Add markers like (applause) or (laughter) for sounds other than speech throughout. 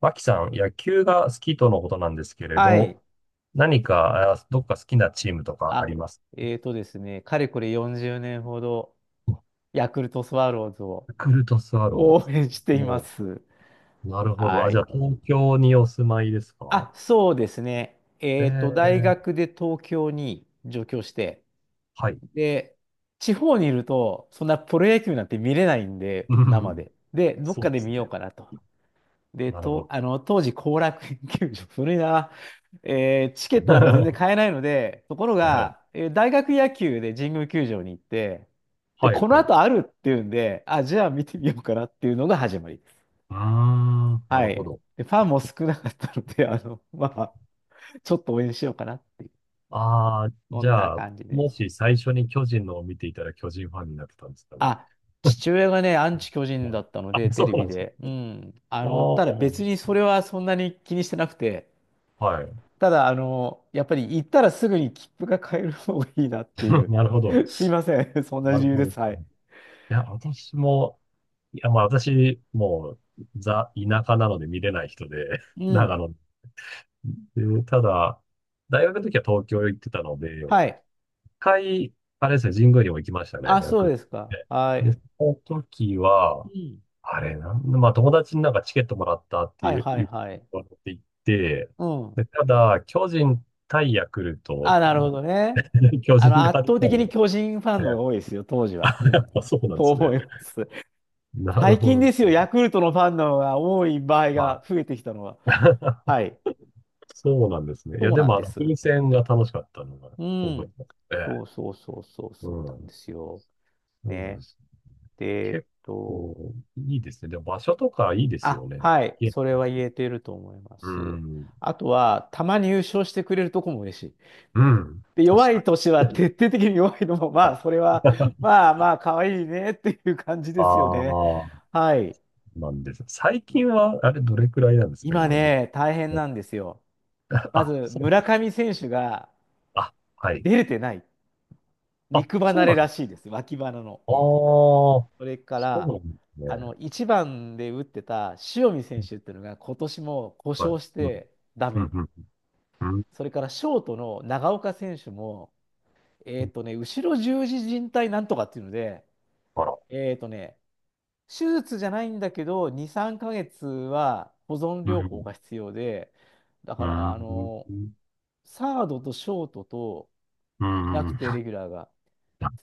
脇さん、野球が好きとのことなんですけれはど、い。何か、どっか好きなチームとかああ、ります？えーとですね、かれこれ40年ほど、ヤクルトスワローズをヤクルトスワローズなんで応すね。援していまもす。う、なるほど。はあ、じゃあ、い。東京にお住まいですか？あ、そうですね。え大ー、学で東京に上京して、はい。で、地方にいると、そんなプロ野球なんて見れないんで、う生ん、で。で、どっそうかでです見ね。ようかなと。で、なるほと、ど。あの、当時、後楽園球場、(laughs) 古いな、チケットなんか全然買 (laughs) えないので、ところえー、が、大学野球で神宮球場に行って、で、はい、このはい。後あるっていうんで、あ、じゃあ見てみようかなっていうのが始まりです。あー、なはるい。ほど。で、ファンも少なかったので、まあ、ちょっと応援しようかなっていう、ああ、そじんなゃあ、感じでもす。し最初に巨人のを見ていたら巨人ファンになってたんですかね。あ、父親がね、アンチ巨う人ん。だったのあ、で、テそレうなビんですね。で。う (laughs) ん。あただ別にあ、それはそんなに気にしてなくて、はい。ただ、やっぱり行ったらすぐに切符が買える方がいいなってい (laughs) う。なるほど。(laughs) すいません。(laughs) そんなな理る由ほでど。いす。はい。や、私も、いや、まあ私、もう、ザ、田舎なので見れない人で、う (laughs) ん。長野で、ただ、大学の時は東京行ってたので、はい。一回、あれですね、神宮にも行きましたね、あ、よそくうっですか。て。はで、い。その時うは、ん。あれ、まあ友達になんかチケットもらったってはいいう、はい言っはい。て行って、うん。で、ただ、巨人対ヤクルトあ、なるだほっどね。た、(laughs) 巨人があ圧った倒的のにで、巨人ファンの方が多いですよ、当時は。うん。(laughs) っそうなんでとすね。思います。なる最ほ近ど。ですよ、ヤクルトのファンの方が多い場合まが増えてきたのは。あ、はい。そうなんですね。いや、そうでなんも、あでの、す。風船が楽しかったのがう覚えてん。ますそね。うそうそうそうそうなうんでん。すよ。そうなんね。です。で、結構、いいですね。でも、場所とかいいですあ、よね。はい、いえ、それは言えていると思いまうす。ん。あとは、たまに優勝してくれるとこも嬉しい。うん。で、弱確いか年はに。徹底的に弱いのも、(laughs) はまあ、それは、い。 (laughs) まあまあ、可愛いねっていう感じであすよね。あ、はい。なんです。最近は、あれ、どれくらいなんですか、今今、自ね、大変分。なんですよ。まず、あ、そ村う。上選手があ、はい。出れてない。あ、肉そ離うれなんらだ。あしいです。脇腹の。うあ、ん。そそれかうら、なんですね。1番で打ってた塩見選手っていうのが今年も故は障しい。うん、てダうメ。ん、うん、それからショートの長岡選手も、うん。後ろ十字靭帯なんとかっていうので、あら。えっとね、手術じゃないんだけど、2、3ヶ月は保存う療法がん、必要で、だうから、ん。サードとショートとういなくん。て、(laughs) レギュラーが。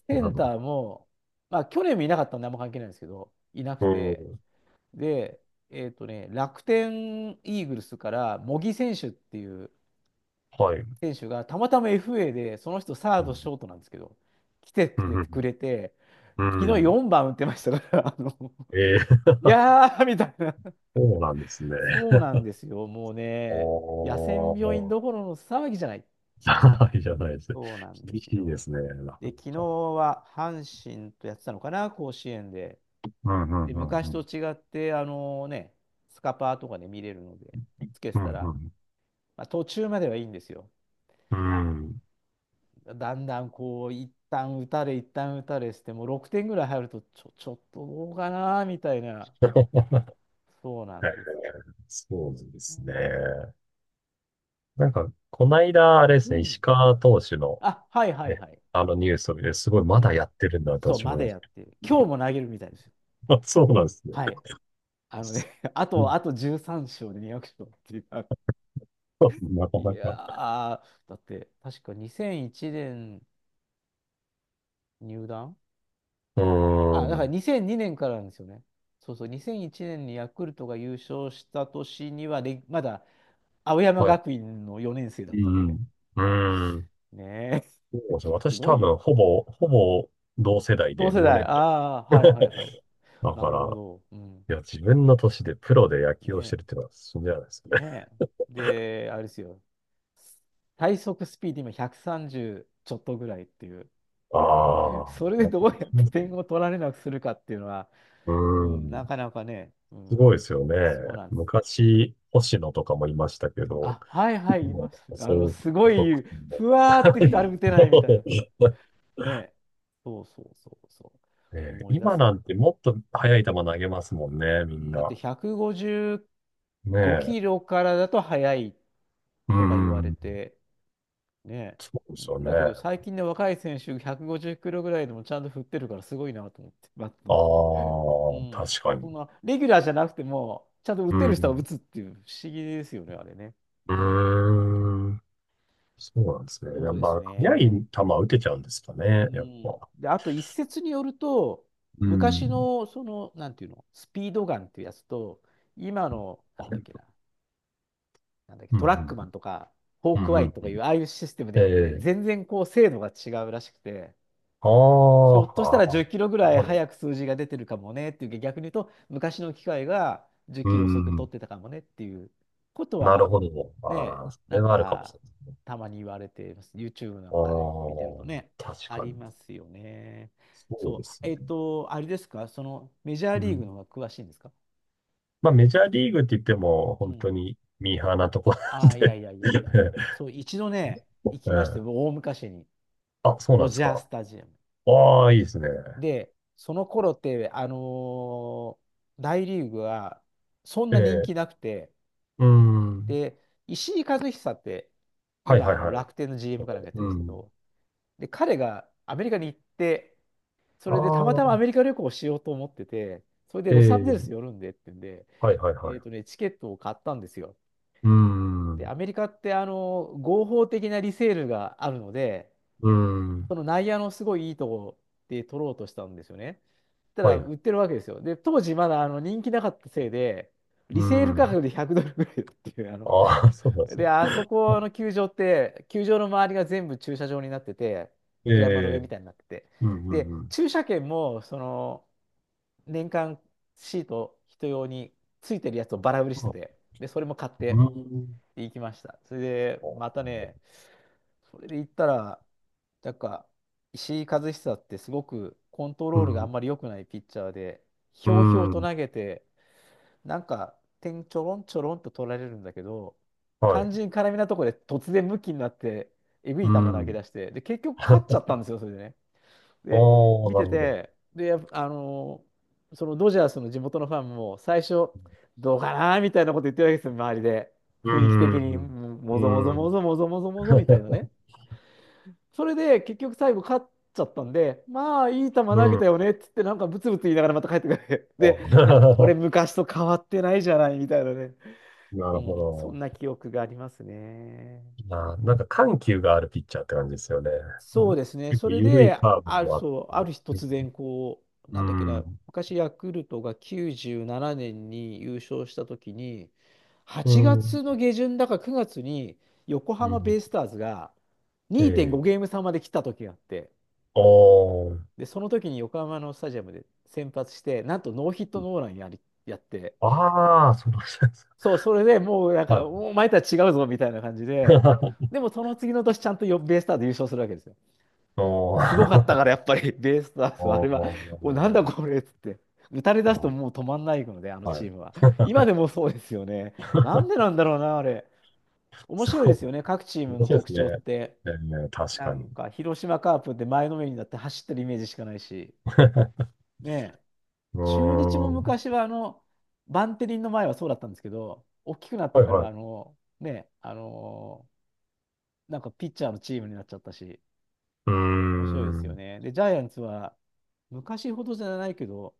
セなンるほど。ターも、まあ、去年もいなかったんであんま関係ないんですけど、いなくうて、ん。で、楽天イーグルスから茂木選手っていうはい。選手がたまたま FA で、その人サーうド、ん。ショートなんですけど、来てうくん。れうて、くん。れてう昨日ん。4番打ってましたから、(laughs) ええ。 いやーみたいな。(laughs) そうなんですね。そうなんですよ、もうね、野戦病お院ー。どころの騒ぎじゃない。(laughs) じゃないじゃないです。そうなんで厳すしいでよ。すね、なかで、な昨日か。は阪神とやってたのかな、甲子園で。うんうんで、うん昔うとん。違って、スカパーとかで見れるので、つけてたら、まあ、途中まではいいんですよ。うんうん。(laughs) うん。だんだんこう、一旦打たれ、一旦打たれして、もう6点ぐらい入ると、ちょっとどうかな、みたいな、えそうなえ、んですよそうですね。ね。なんか、こないだ、あれでうすね、石ん。川投手のあ、はいはいね、はい。あのニュースを見て、すごいまうだん。やってるんだとそう、私ま思いでましやってる、今日も投げるみたいですよ。た。(laughs) そうなんですね。はい。あのね、(laughs) (laughs) あと、うあと13勝で200勝っていう。(laughs) ん、なかいなやか。ー、だって、確か2001年入団。うーあ、だからん。2002年からなんですよね。そうそう、2001年にヤクルトが優勝した年には、で、まだ青山はい。学院の4年生だっうたので。んうはい。ん。うーん。ねそうえ。なんです (laughs) ね。す私ご多い分、よ。ほぼ同世代同で世同代。年あ代。あ、はいはいはい。(laughs) だかなるほら、ど。うん。いや、自分の年でプロで野球をしてるっねていうのは信じられないですえ。ね。ねえ。で、あれですよ。最速スピード今130ちょっとぐらいっていう。(laughs) ああ、それでやっどぱうやってり。点を取られなくするかっていうのは、ううーん、なん。かなかね、うすん、ごいですよね。そうなんです。昔、星野とかもいましたけど、あ、はいはい、いもますう、ね。そう、すご遅くい、ても。ふわーってきて、あれ打てないみたいな。(laughs) ね。そうそうそうそう。ねえ、思い出今す。なうんてもっと速い球投げますもんね、みんん。だってな。155キねえ。ロからだと速いうとか言んうわれん、て、ね。そうですよね。だけどあ最近の若い選手150キロぐらいでもちゃんと振ってるからすごいなと思って。バット。うあ、ん。確かそに。んな、レギュラーじゃなくても、ちゃんと打うてる人は打ん。つっていう不思議ですよね、あれね。ううん。ーん。そうなんですね。そやうっですぱ速いね。球打てちゃうんですかね、うやっん。ぱ。で、あと一説によると、う昔ん。のその、なんていうの、スピードガンっていうやつと、今の、なんだっけあ、な、なんだっけ、うトラックん、マンとか、フうォん、うークん、うワん。うイん。とかいう、ああいうシステムでえあるので、え。全然精度が違うらしくて、あひあ、ょっとしたら10あキロぐらいあ、だ、早く数字が出てるかもねっていう逆に言うと、昔の機械が10うキロ遅く取ん。ってたかもねっていうことなるは、ほど。ね、ああ、そなれんはあるかもしか、れないですね。たまに言われています。YouTube なあんかで見てるとね、あ、確あかりに。ますよね。そうでそう、すね。あれですか、そのメジャーうリーグん。の方が詳しいんですか？まあ、メジャーリーグって言っても、う本当ん。にミーハーなとこなあんあ、いやで。 いやい (laughs) やいや。えそう、一度ね、行きまして、え、大昔に、あ、そうなドんでジすャーか。スタジアム。ああ、いいですね。で、その頃って、ー大リーグはそんえな人気え、なくて、うん。で、石井和久って、はい今、はあいのはい。楽天の そ GM かなんかやってう、まうすけん。ど、で、彼がアメリカに行って、そあれでたまたまアメあ、リカ旅行をしようと思ってて、それでえロサンゼルえ、ス寄るんでってんで、はいはいはい。チケットを買ったんですよ。うで、ん。アメリカって、合法的なリセールがあるので、うん。その内野のすごいいいとこで取ろうとしたんですよね。たはらい。売ってるわけですよ。で、当時まだ人気なかったせいで、リうセール価ん。格で100ドルぐらいっていう、ああ、(laughs) そうなんですで、ね。あそこの球場って、球場の周りが全部駐車場になってて、えお山の上みえ、たいになってて、うんうんで、うん。駐車券も、年間シート人用についてるやつをバラ売りしてま、て、で、それも買っうてん。行きました。それで、またね、それで言ったら、なんか、石井一久ってすごくコントうロールがあん。んまり良くないピッチャーで、ひうょうひょうん。うとん。投げて、なんか点ちょろんちょろんと取られるんだけど、は肝い。心絡みなところで突然ムキになって、えぐいう球投げん。出して、で、結局 (laughs) あ勝あ、っちなゃるったんですよ、それでね。で、ほ見てど。て、で、やっぱそのドジャースの地元のファンも最初、どうかなーみたいなこと言ってるわけですよ、周りで。う雰囲気的ん。に、もうぞもん。ぞうもん。ぞもぞもぞもぞみたいなね。それで結局最後勝っちゃったんで、まあいい球投げたよねっつってなんかブツブツ言いながらまた帰ってくる。(laughs) で、いや、こあ。 れ (laughs) 昔と変わってないじゃないみたいなね。なうるほん、そど。んな記憶がありますね。あー、なんか緩急があるピッチャーって感じですよね。うそうん、ですね。結そ構れ緩いで、カーブある、もあっそう、あて。る日突然こう、うなんだっけな、ん。昔ヤクルトが97年に優勝した時に、う8ん。う月ん。の下旬だか9月に横う浜ベん。イスターズが2.5えゲーえ。ム差まで来た時があって、おー。で、その時に横浜のスタジアムで先発して、なんとノーヒットノーランやって、ああ、その人ですか。そう、それでもうなんか、はお前とは違うぞみたいな感じで、い。で (laughs) もその次の年ちゃんとよベイスターズ優勝するわけですよ。おすごかったー。からやっぱり (laughs) ベイスタ (laughs) ーズはあれおは、お、なんだー。これっつって。打たれ出すとまもう止まんないので、あのあ、はチい。ームは。今 (laughs) でもそうですよね。なんでなんだろうな、あれ。面そ白いですよね、各チーう。ム面の白いで特すね。徴って。ええ、確なかんに。か、広島カープって前のめりになって走ってるイメージしかないし。(laughs) ねえ。う中日ーもん。昔はあの、バンテリンの前はそうだったんですけど、大きくなってはいかはら、あい。の、ね、あの、なんかピッチャーのチームになっちゃったし、うー面白いですん。ようね。で、ジャイアンツは、昔ほどじゃないけど、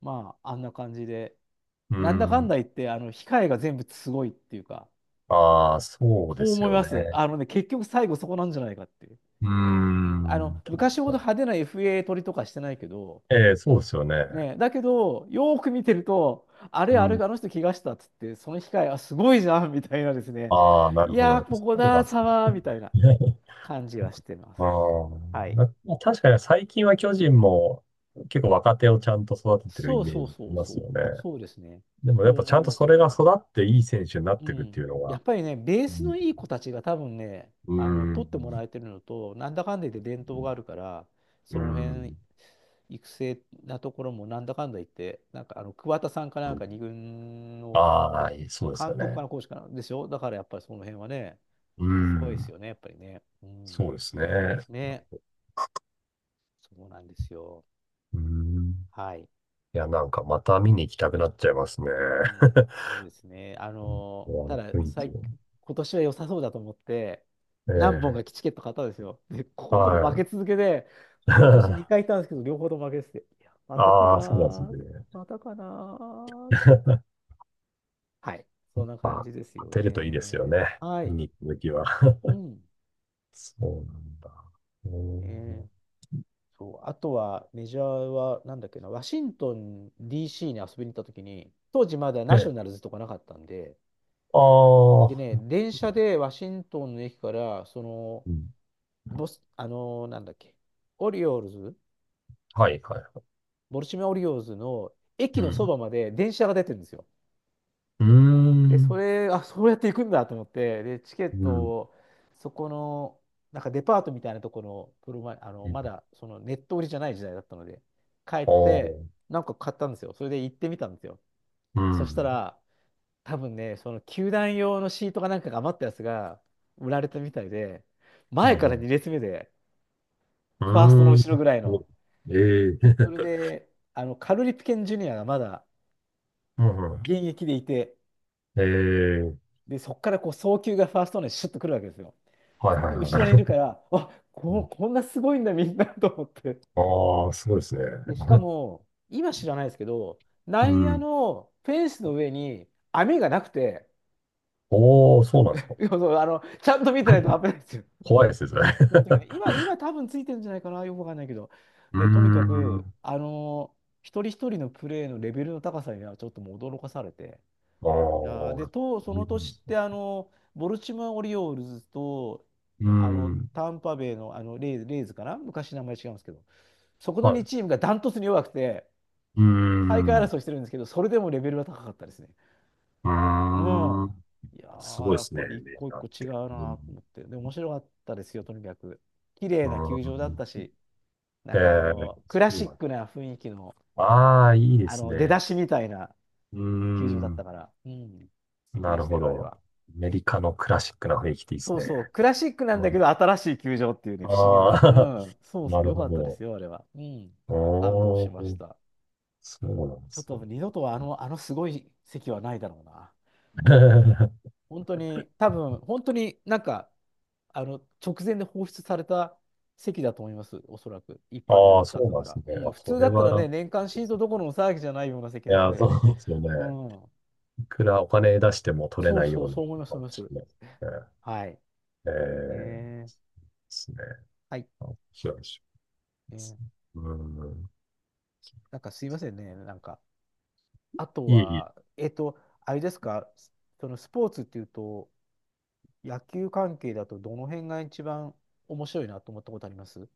まあ、あんな感じで、ーなんだかんん。だ言って、あの、控えが全部すごいっていうか、ああ、そうでそうす思いよます。ね。あのね、結局最後そこなんじゃないかっていう。うーうんあの、ん。確昔ほどかに。派手な FA 取りとかしてないけど、ええ、そうですよね。ね、だけど、よーく見てると、あれ、うあれ、ん。あの人怪我したっつって、その機械、あ、すごいじゃんみたいなですね、ああ、なるいほやー、ど。こそこうなだ、んですサマーね。みたいな (laughs) 感じはしてます。ああ、はい。な、確かに最近は巨人も結構若手をちゃんと育ててるイそうメーそうジいそうまそすう、よね。そうですね。でもそやっうぱち思ゃいんとまそれす。が育っていい選手になっうていくってん。いうのやっが、ぱりね、ベーうスん、のいい子たちが多分ね、うあの、ー取ってもらん、えてるのと、なんだかんだ言って伝統があるから、そうの辺、ん、育成なところもなんだかんだ言って、なんかあの、桑田さんかなんか二軍の、ああ、そうです監よ督かね。な、コーチかな、でしょだからやっぱりその辺はね、うすごいでん、すよね、やっぱりね。うそん。うですね。ね、そうなんですよ。うん、はい。いや、なんかまた見に行きたくなっちゃいますね。うん。そうですね。あ (laughs) のーた雰だ、囲気。最、今年は良さそうだと思って、え何本かえ、チケット買ったんですよ。で、ここのとこ負はけい。続けで、今年2回行っ (laughs) たんですけど、両方とも負けてて、いや、またかなああ、そうなんですね。ー、またかなー。(laughs) はい。そんな感まあ、じです当よてるといいですよね。ね。は見い。に行っときは。うん。そうなんだ。うん。えーそう、あとはメジャーは、なんだっけな、ワシントン DC に遊びに行った時に、当時まだナショえ、ナルズとかなかったんで、あでね、あ、電車でワシントンの駅から、その、うん。ボス、あのーなんだっけ、オリオールズ、はい、はい。ボルチモア・オリオールズの駅うのそん。ばまで電車が出てるんですよ。うーで、そん。れ、あ、そうやって行くんだと思って、で、チケッうトん。を、そこの、なんかデパートみたいなところの、プロマイ、あの、うん。まだ、そのネット売りじゃない時代だったので、帰っあて、あ、なんか買ったんですよ。それで行ってみたんですよ。うそしたん。ら、多分ね、その球団用のシートかなんかが余ったやつが売られたみたいで、うん、前かうらん。2列目で、うファーストのーん。後ろぐらいうの。ん。ええ。それで、あの、カルリプケンジュニアがまだうんうん、現あ、役でいて、うんうんうんうーん、ええ。で、そこからこう、送球がファーストにシュッとくるわけですよ。はいはいは後ろにいるかい。ら、あ、うこ、ん。こんなすごいんだ、みんな (laughs) と思って。ああ、すごいですね。で、しかも、今知らないですけど、う内野ん。のフェンスの上に網がなくて、おー、そうなんですか。(laughs) そうそうあの、ちゃんと見てないと危ないですよ。(laughs) 怖いですね、それ。(laughs) その時ね、今、今多分ついてるんじゃないかな、よくわかんないけど。うーで、とにかく、ん。あの、一人一人のプレーのレベルの高さにはちょっともう驚かされて、ああ、いやーで、そと、うそなのんで年すっね。て、あの、ボルチモア・オリオールズと、うーあの、ん。タンパベイの、あのレイズ、レイズかな昔名前違うんですけど、そこのはい。2うチームがダントツに弱くて、ー大会ん。う争いしてるんですけど、それでもレベルが高かったですね。うーん。ん。いやすー、ごいでやっすね、ぱりア一メジ個一カっ個違うて。うなん。と思って。で、面白かったですよ、とにかく。綺う麗なー球場だったん。し、なんえかあえ、の、クそラうシなッん。クな雰囲気の、ああー、いいであすの、出ね。だしみたいなうー球場だったん。から、うん、素敵なでるしたほよ、あれど。は。アメリカのクラシックな雰囲気でいいでそすうね。そう、クラシックなんうだけん、ど、新しい球場っていうね、不思議あな。うあ、ん、そ (laughs) うなそう、るよかったですほよ、あれは。うん、ど。感動しおましー、た。そうなんでちょっすね。と二度とあの、あのすごい席はないだろうな。(laughs) 本当に、多分、本当になんか、あの、直前で放出された席だと思います、おそらく。一般に売っああ、そたんうだなんかですら。ね。うん、あ、普そ通だれったはらね、楽年間でシーすトどこね。ろの騒ぎじゃないような席いなのや、そで、うですよね。うん、いくらお金出しても取れそうないそよう、うなそう思います、かそうも思いましす。れないですね。はい。えー、でえー、すね。はい。面白いでえすー、ね。うん。なんかすいませんね、なんか。あといい、いい、は、えっと、あれですか、そのスポーツっていうと、野球関係だとどの辺が一番面白いなと思ったことあります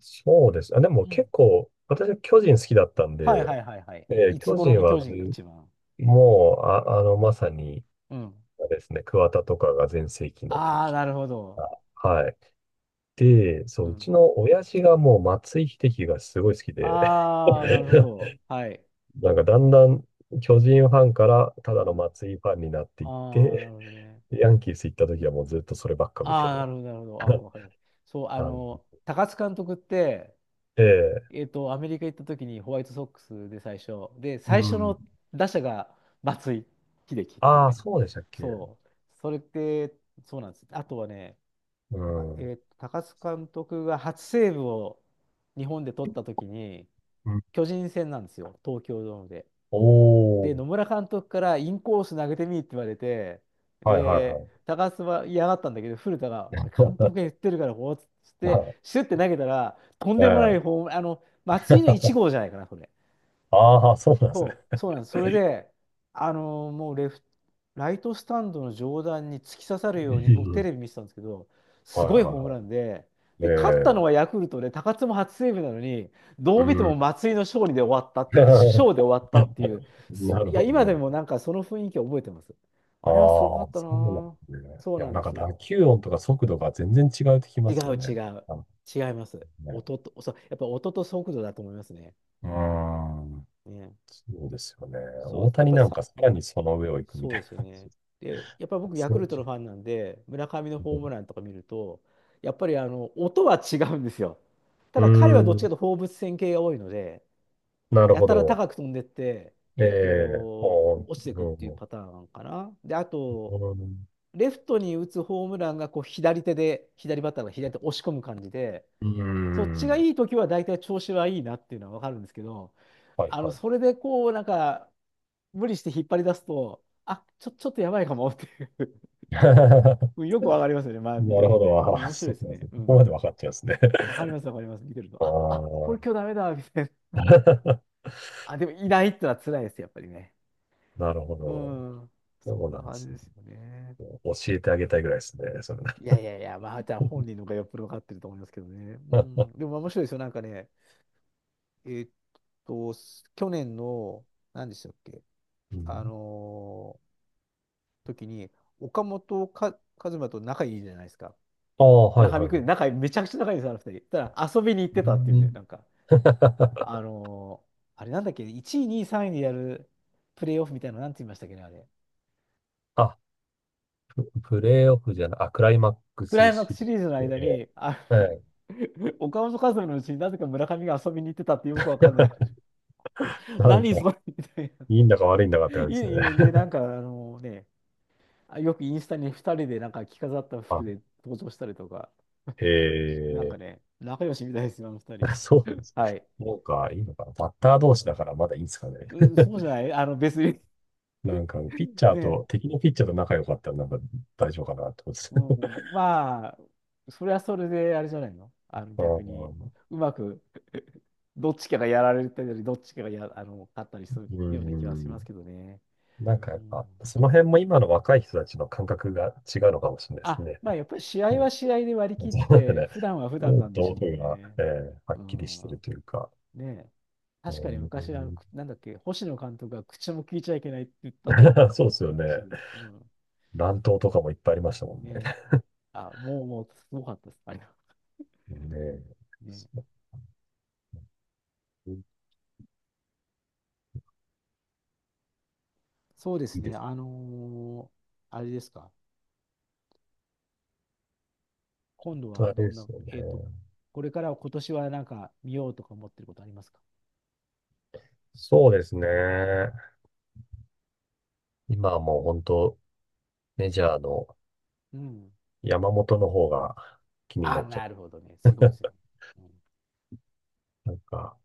そうです。あ、でうもん。結構、私は巨人好きだったんはいはで、いはいはい。えーいつ巨頃人のは巨ず、人が一番。もう、あ、あの、まさに、うん。あれですね、桑田とかが全盛期のああ、時なるほど。が。あ、はい。で、うそう、うん。ちの親父がもう松井秀喜がすごい好きで、ああ、なるほど。(laughs) はい。なんかだんだん巨人ファンからたうだのん。松井ファンになっていっああ、なるて、ほどね。ヤンキース行った時はもうずっとそればっか見てああ、る。 なるほど、なるほど。あ、わかりますそう、(laughs) あ感じの、高津監督って、で、えっと、アメリカ行った時にホワイトソックスで最初。で、う最初ん。の打者が松井秀喜っていうああ、ね。そうでしたっけ。そう。それって、そうなんです。あとはね、うま、ん。うえっと、高津監督が初セーブを日本で取った時に、ん。巨人戦なんですよ。東京ドームで。おで、ー。野村監督からインコース投げてみって言われて、はいはいはで、い。高須は嫌がったんだけど、古田が、監督が言 (laughs) ってるから、こうっつっまあ、て、シュッて投げたら、とんえでもないえ。 ホーム、あの、松井の1号じゃ (laughs) ないかな、これ。ああ、そうなんですね。そう、そうなんです。それで、あのーもうレフ、ライトスタンドの上段に突き刺さるうように、僕テん。レビ見てたんですけど、すはいごいホームはランで、いで、はい。勝ったのええ、はヤクルトで、高津も初セーブなのに、どうう見てもん。松井の勝利で終わった、勝 (laughs) で終わったっていう、すないるや、ほ今でど。もなんかその雰囲気を覚えてます。あなれはすごかあっあ、たなそうなんでぁ。すね。そういや、なんなんでかす。打球音とか速度が全然違うってき違まうすよ違ね。う。なんか違います。ね。音と、そう、やっぱ音と速度だと思いますね。ううん。ん。ね。そうですよね。そ大う、やっ谷ぱりなんさ、かさらにその上を行くみそうたでいすよな。(laughs) ね。で、やっぱり僕、ヤそクうルでトすのファンなんで、村上のホームラね。ンとか見ると、やっぱりあの音は違うんですよ。たうーだ彼はどっちかん、というと放物線系が多いので、なるやほたらど。高く飛んでって、ええっえ、と、も落ちていう、くってういうんパターンかな。で、あと、レフトに打つホームランがこう左手で、左バッターが左手押し込む感じで、うん、うーそっちがん、いい時は大体調子はいいなっていうのは分かるんですけど、はいあの、はい。それでこう、なんか、無理して引っ張り出すと、あ、ちょ、ちょっとやばいかもっていう (laughs) (laughs) うんよくわかりますよね。まあ、見なてるるほとね。ど。うん、あー、面白そいうですなんですね。ね。うここまでん。分かっちゃうんですね。(laughs) わかります、わかります。見てると。ああ、あ、こあ、れ今日ダメだ、みたいな。(laughs) あ、でもいないってのは辛いです、やっぱりね。なるほうど。ん。そそんうななんで感じすでね。すよね。教えてあげたいぐらいですね、それ。いやいやいや、まあ、じゃあ本人の方がよっぽどわかってると思いますけどね。う (laughs) ん。でも面白いですよ。なんかね、えーっと、去年の、何でしたっけ、うあん、の時に、岡本か和真と仲いいじゃないですか。ああ、はい中は見くいはんい。で仲めちゃくちゃ仲いいんですよ、あの二人。ただ遊びに行っうてたっていうね、ん。 なんか、あ (laughs) のーあれなんだっけ、1位、2位、3位でやるプレイオフみたいなの、なんて言いましたっけね、あれ。あ、プレーオフじゃない、あ、クライマッククラスイマックシスリシリーズのーズ。間え、に、あ、 はい。(laughs) 岡本和真のうちになぜか村上が遊びに行ってたってよくわかんない。(laughs) なん何か、それみたいな。いいんだか悪いんだかってい感じですね。いで、(laughs) なんか、あのね、あよくインスタに2人でなんか着飾った服あ、で登場したりとか、へなんかえ。ね、仲良しみたいですよ、あの2人。(laughs) そう、はい。そうか、いいのかな。バッター同士だからまだいいんですかね。うん、そうじゃ (laughs) ない別に。 なんか、ピッチ (laughs)。ャーね。と、敵のピッチャーと仲良かったらなんか大丈夫かなってことです。う (laughs) ん、まあ、それはそれであれじゃないのあ逆に、ー、うまく (laughs) どっちかがやられたり、どっちかがや、あの、勝ったりするうような気はしん。ますけどね。なんかうやっん、ぱ、その辺も今の若い人たちの感覚が違うのかもしれないですあ、ね。まあやっぱり試合はね。試合で割り切っ (laughs) そうだて、ね。普段は普段もなうんでし道ょう具が、ね。えー、はっうきりしてるん。というか。ねえ、確かに昔、うあの、くなんだっけ、星野監督が口も聞いちゃいけないって言ったっていうん。 (laughs) そうですよね。話で、うん。乱闘とかもいっぱいありましたもんねえ、ね。あ、もう、もう、すごかったです。あれは。ね。ねえ。そう、そうでいすいでね。す。ーあれですか。あ今度と、あはれどでんな、すよね。これからは今年はなんか見ようとか思ってることありますか？そうですね。今はもう本当、メジャーのうん。山本の方が気になあ、っちゃなう。るほどね。すごいですね。うん、なんか、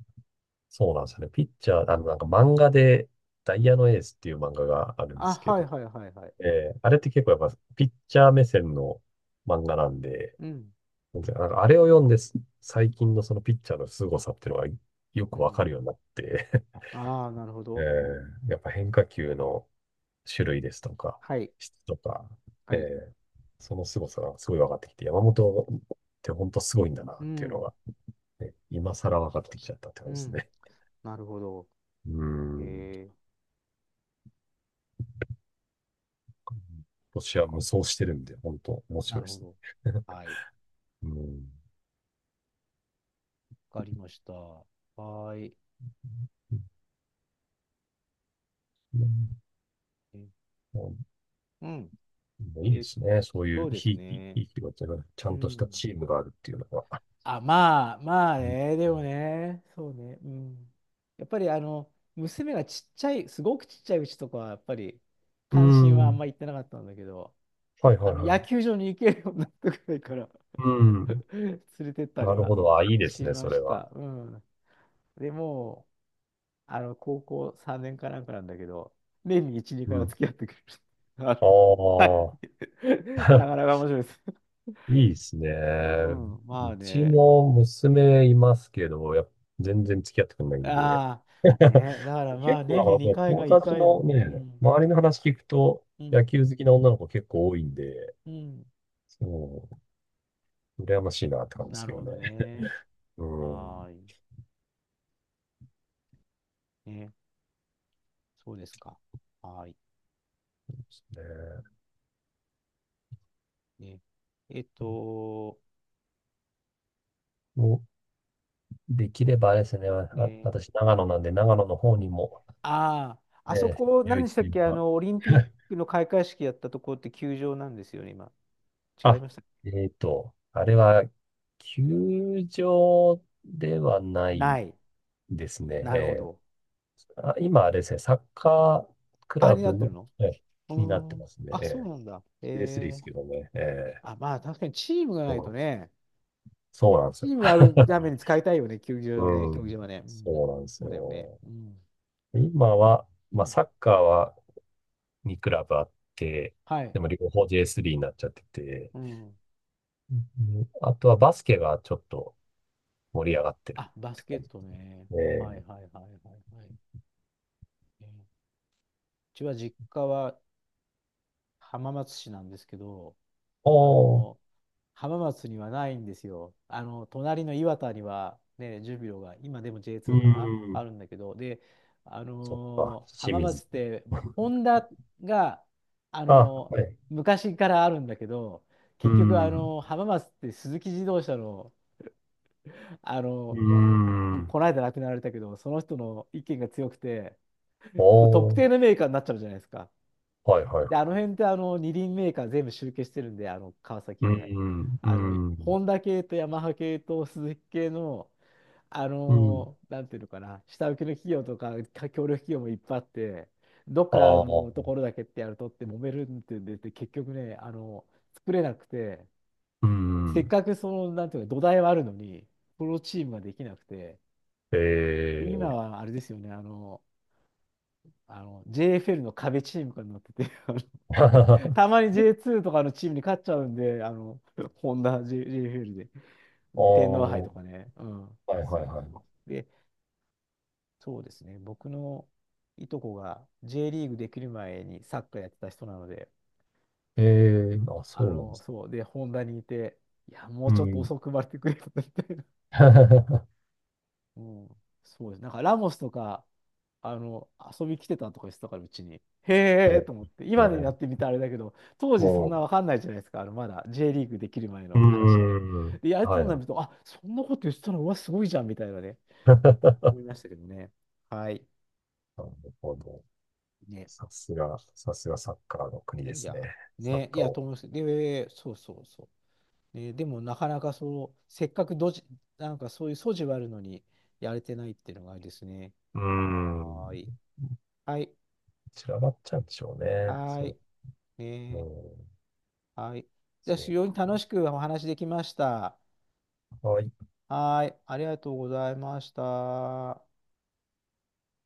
そうなんですよね。ピッチャー、あの、なんか漫画で、ダイヤのエースっていう漫画があるんであ、すけはいど、はいはいはい。えー、あれって結構やっぱピッチャー目線の漫画なんで、うん。なんかあれを読んで、最近のそのピッチャーの凄さっていうのがようくわかん。るようになって、ああ、なるほ (laughs) えど。ー、やっぱ変化球の種類ですとか、はい。質とか、えはい。ー、その凄さがすごい分かってきて、山本って本当すごいんだなうっていうのん。が、ね、今更分かってきちゃったってう感じですん。ね。なるほど。うーん。えー、今そ年っはか。無双してるんで、本当面な白いるでほすど。ね。はい。(laughs) うん。わかりました。はーい。え。もうん。ういいでえ、すね。そういそううでひすいき、ね。ひいきがちゃうんとしたん。チームがあるっていうのが。あ、まあ、まあうん。ね、でもね、そうね、うん。やっぱり娘がちっちゃい、すごくちっちゃいうちとかは、やっぱり、う関心はあんん。ま行ってなかったんだけど、はいはいは野い。球場に行けるようになってくらいから うん。(laughs) 連れてったりなるはほど。あ、いいですしね、まそれしは。た。うん。でもう、高校3年かなんかなんだけど、年に1、2う回はん。付き合ってくれる。(laughs) はあい。(laughs) なあ。(laughs) かなか面白いです。(laughs) いいですうね。ん、まうあちね。も娘いますけど、やっぱ全然付き合ってくれないんで。ああ、(laughs) ね、だからまあ結構な年んにかも2回がう友1達回のの、うね、ん、周りの話聞くと、う野ん、球好きな女の子結構多いんで、うん。そう、羨ましいなって感じでなすけるどほね。どね。うはん。ーい。ね、そうですか。はーい。ね、ね。えっと、もうできればあれですね、あ、ね。私長野なんで、長野の方にも、ああ、あそえこ、ー、強何いっでしたてっいうけ、か、オリンピックの開会式やったところって球場なんですよね、今。違いあ、ました。えっと、あれは、球場ではなないい。ですね。なるほえ、ど。あ、今あれですね、サッカークあ、ラになブっての、るの。え、うになっーてまん。すね。あ、えそうえ、 なんだ。え J3 ですえ。けどね。ええ、あ、まあ確かにチームがそないとう、ね。そうなんですチよ。ームがあるために使いたいよね、球場はね、うん。競技場はね。うそん、うなんですそうだよね。よ。うん。今は、うまあ、ん。サッカーは2クラブあって、はい。でも両方 J3 になっちゃってて、うん。うん、あとはバスケがちょっと盛り上がってるあ、バってスケ感ッじトね。ではすいね。はいはいはいはい。えーうちは実家は浜松市なんですけど、あおー、の、浜松にはないんですよ。隣の岩田には、ね、ジュビロが、今でも う J2 かな、ん、あるんだけど、で、そっか、清浜水。松って、ホ (laughs) ンダが、ああ、のーはい。う昔からあるんだけど、結局、ん、浜松って鈴木自動車の、あのうーもうん、この間亡くなられたけど、その人の意見が強くて、こう特お定ー、のメーカーになっちゃうじゃないですか。はいはいで、あはの辺ってあの二輪メーカー全部集計してるんで、あの川い。崎う以外。ん、うあの、ホん、ンダ系とヤマハ系とスズキ系の、うん、なんていうのかな、下請けの企業とか、か協力企業もいっぱいあって、どっあかあ、のところだけってやるとって揉めるってんで、で結局ね、作れなくて、うせっん。かくその、なんていうか、土台はあるのに、プロチームができなくて、ええ今ー。 はあれですよね、JFL の壁チームがなってて、(laughs) (laughs) たまに J2 とかのチームに勝っちゃうんで、ホンダ JFL で、うああ、ん、天皇杯はとかね。うん。いはそいうはそう。で、そうですね。僕のいとこが J リーグできる前にサッカーやってた人なので、い。えうえん。ー、あ、そうなんですね。そう。で、ホンダにいて、いや、もううちょっとん。遅く生まれてくれよみたいな。 (laughs) うん、そうです。なんかラモスとか、あの、遊び来てたとか言ってたから、うちに。へえと思って。え今になっえ、てみたらあれだけど、当時そんなもわかんないじゃないですか。まだ J リーグできる前う、の話で。ん。うん、で、やるはといなはい。ると、あ、そんなこと言ってたの、うわ、すごいじゃん、みたいなね。思いま (laughs) したけどね。はい。なるほど。ね。さすが、さすがサッカーのい国やでいすや。ね。サッね。いカーや、とを、思います。で、そうそうそう。ね、でも、なかなかそう、せっかくなんかそういう素地はあるのに、やれてないっていうのがあれですね。うーはーん。い。はい。散らばっちゃうんでしょうね。はーそい。う。うねえ。ん、はい。じゃあ、そ非う常にか。楽しくお話できました。あはい。ありがとうございました。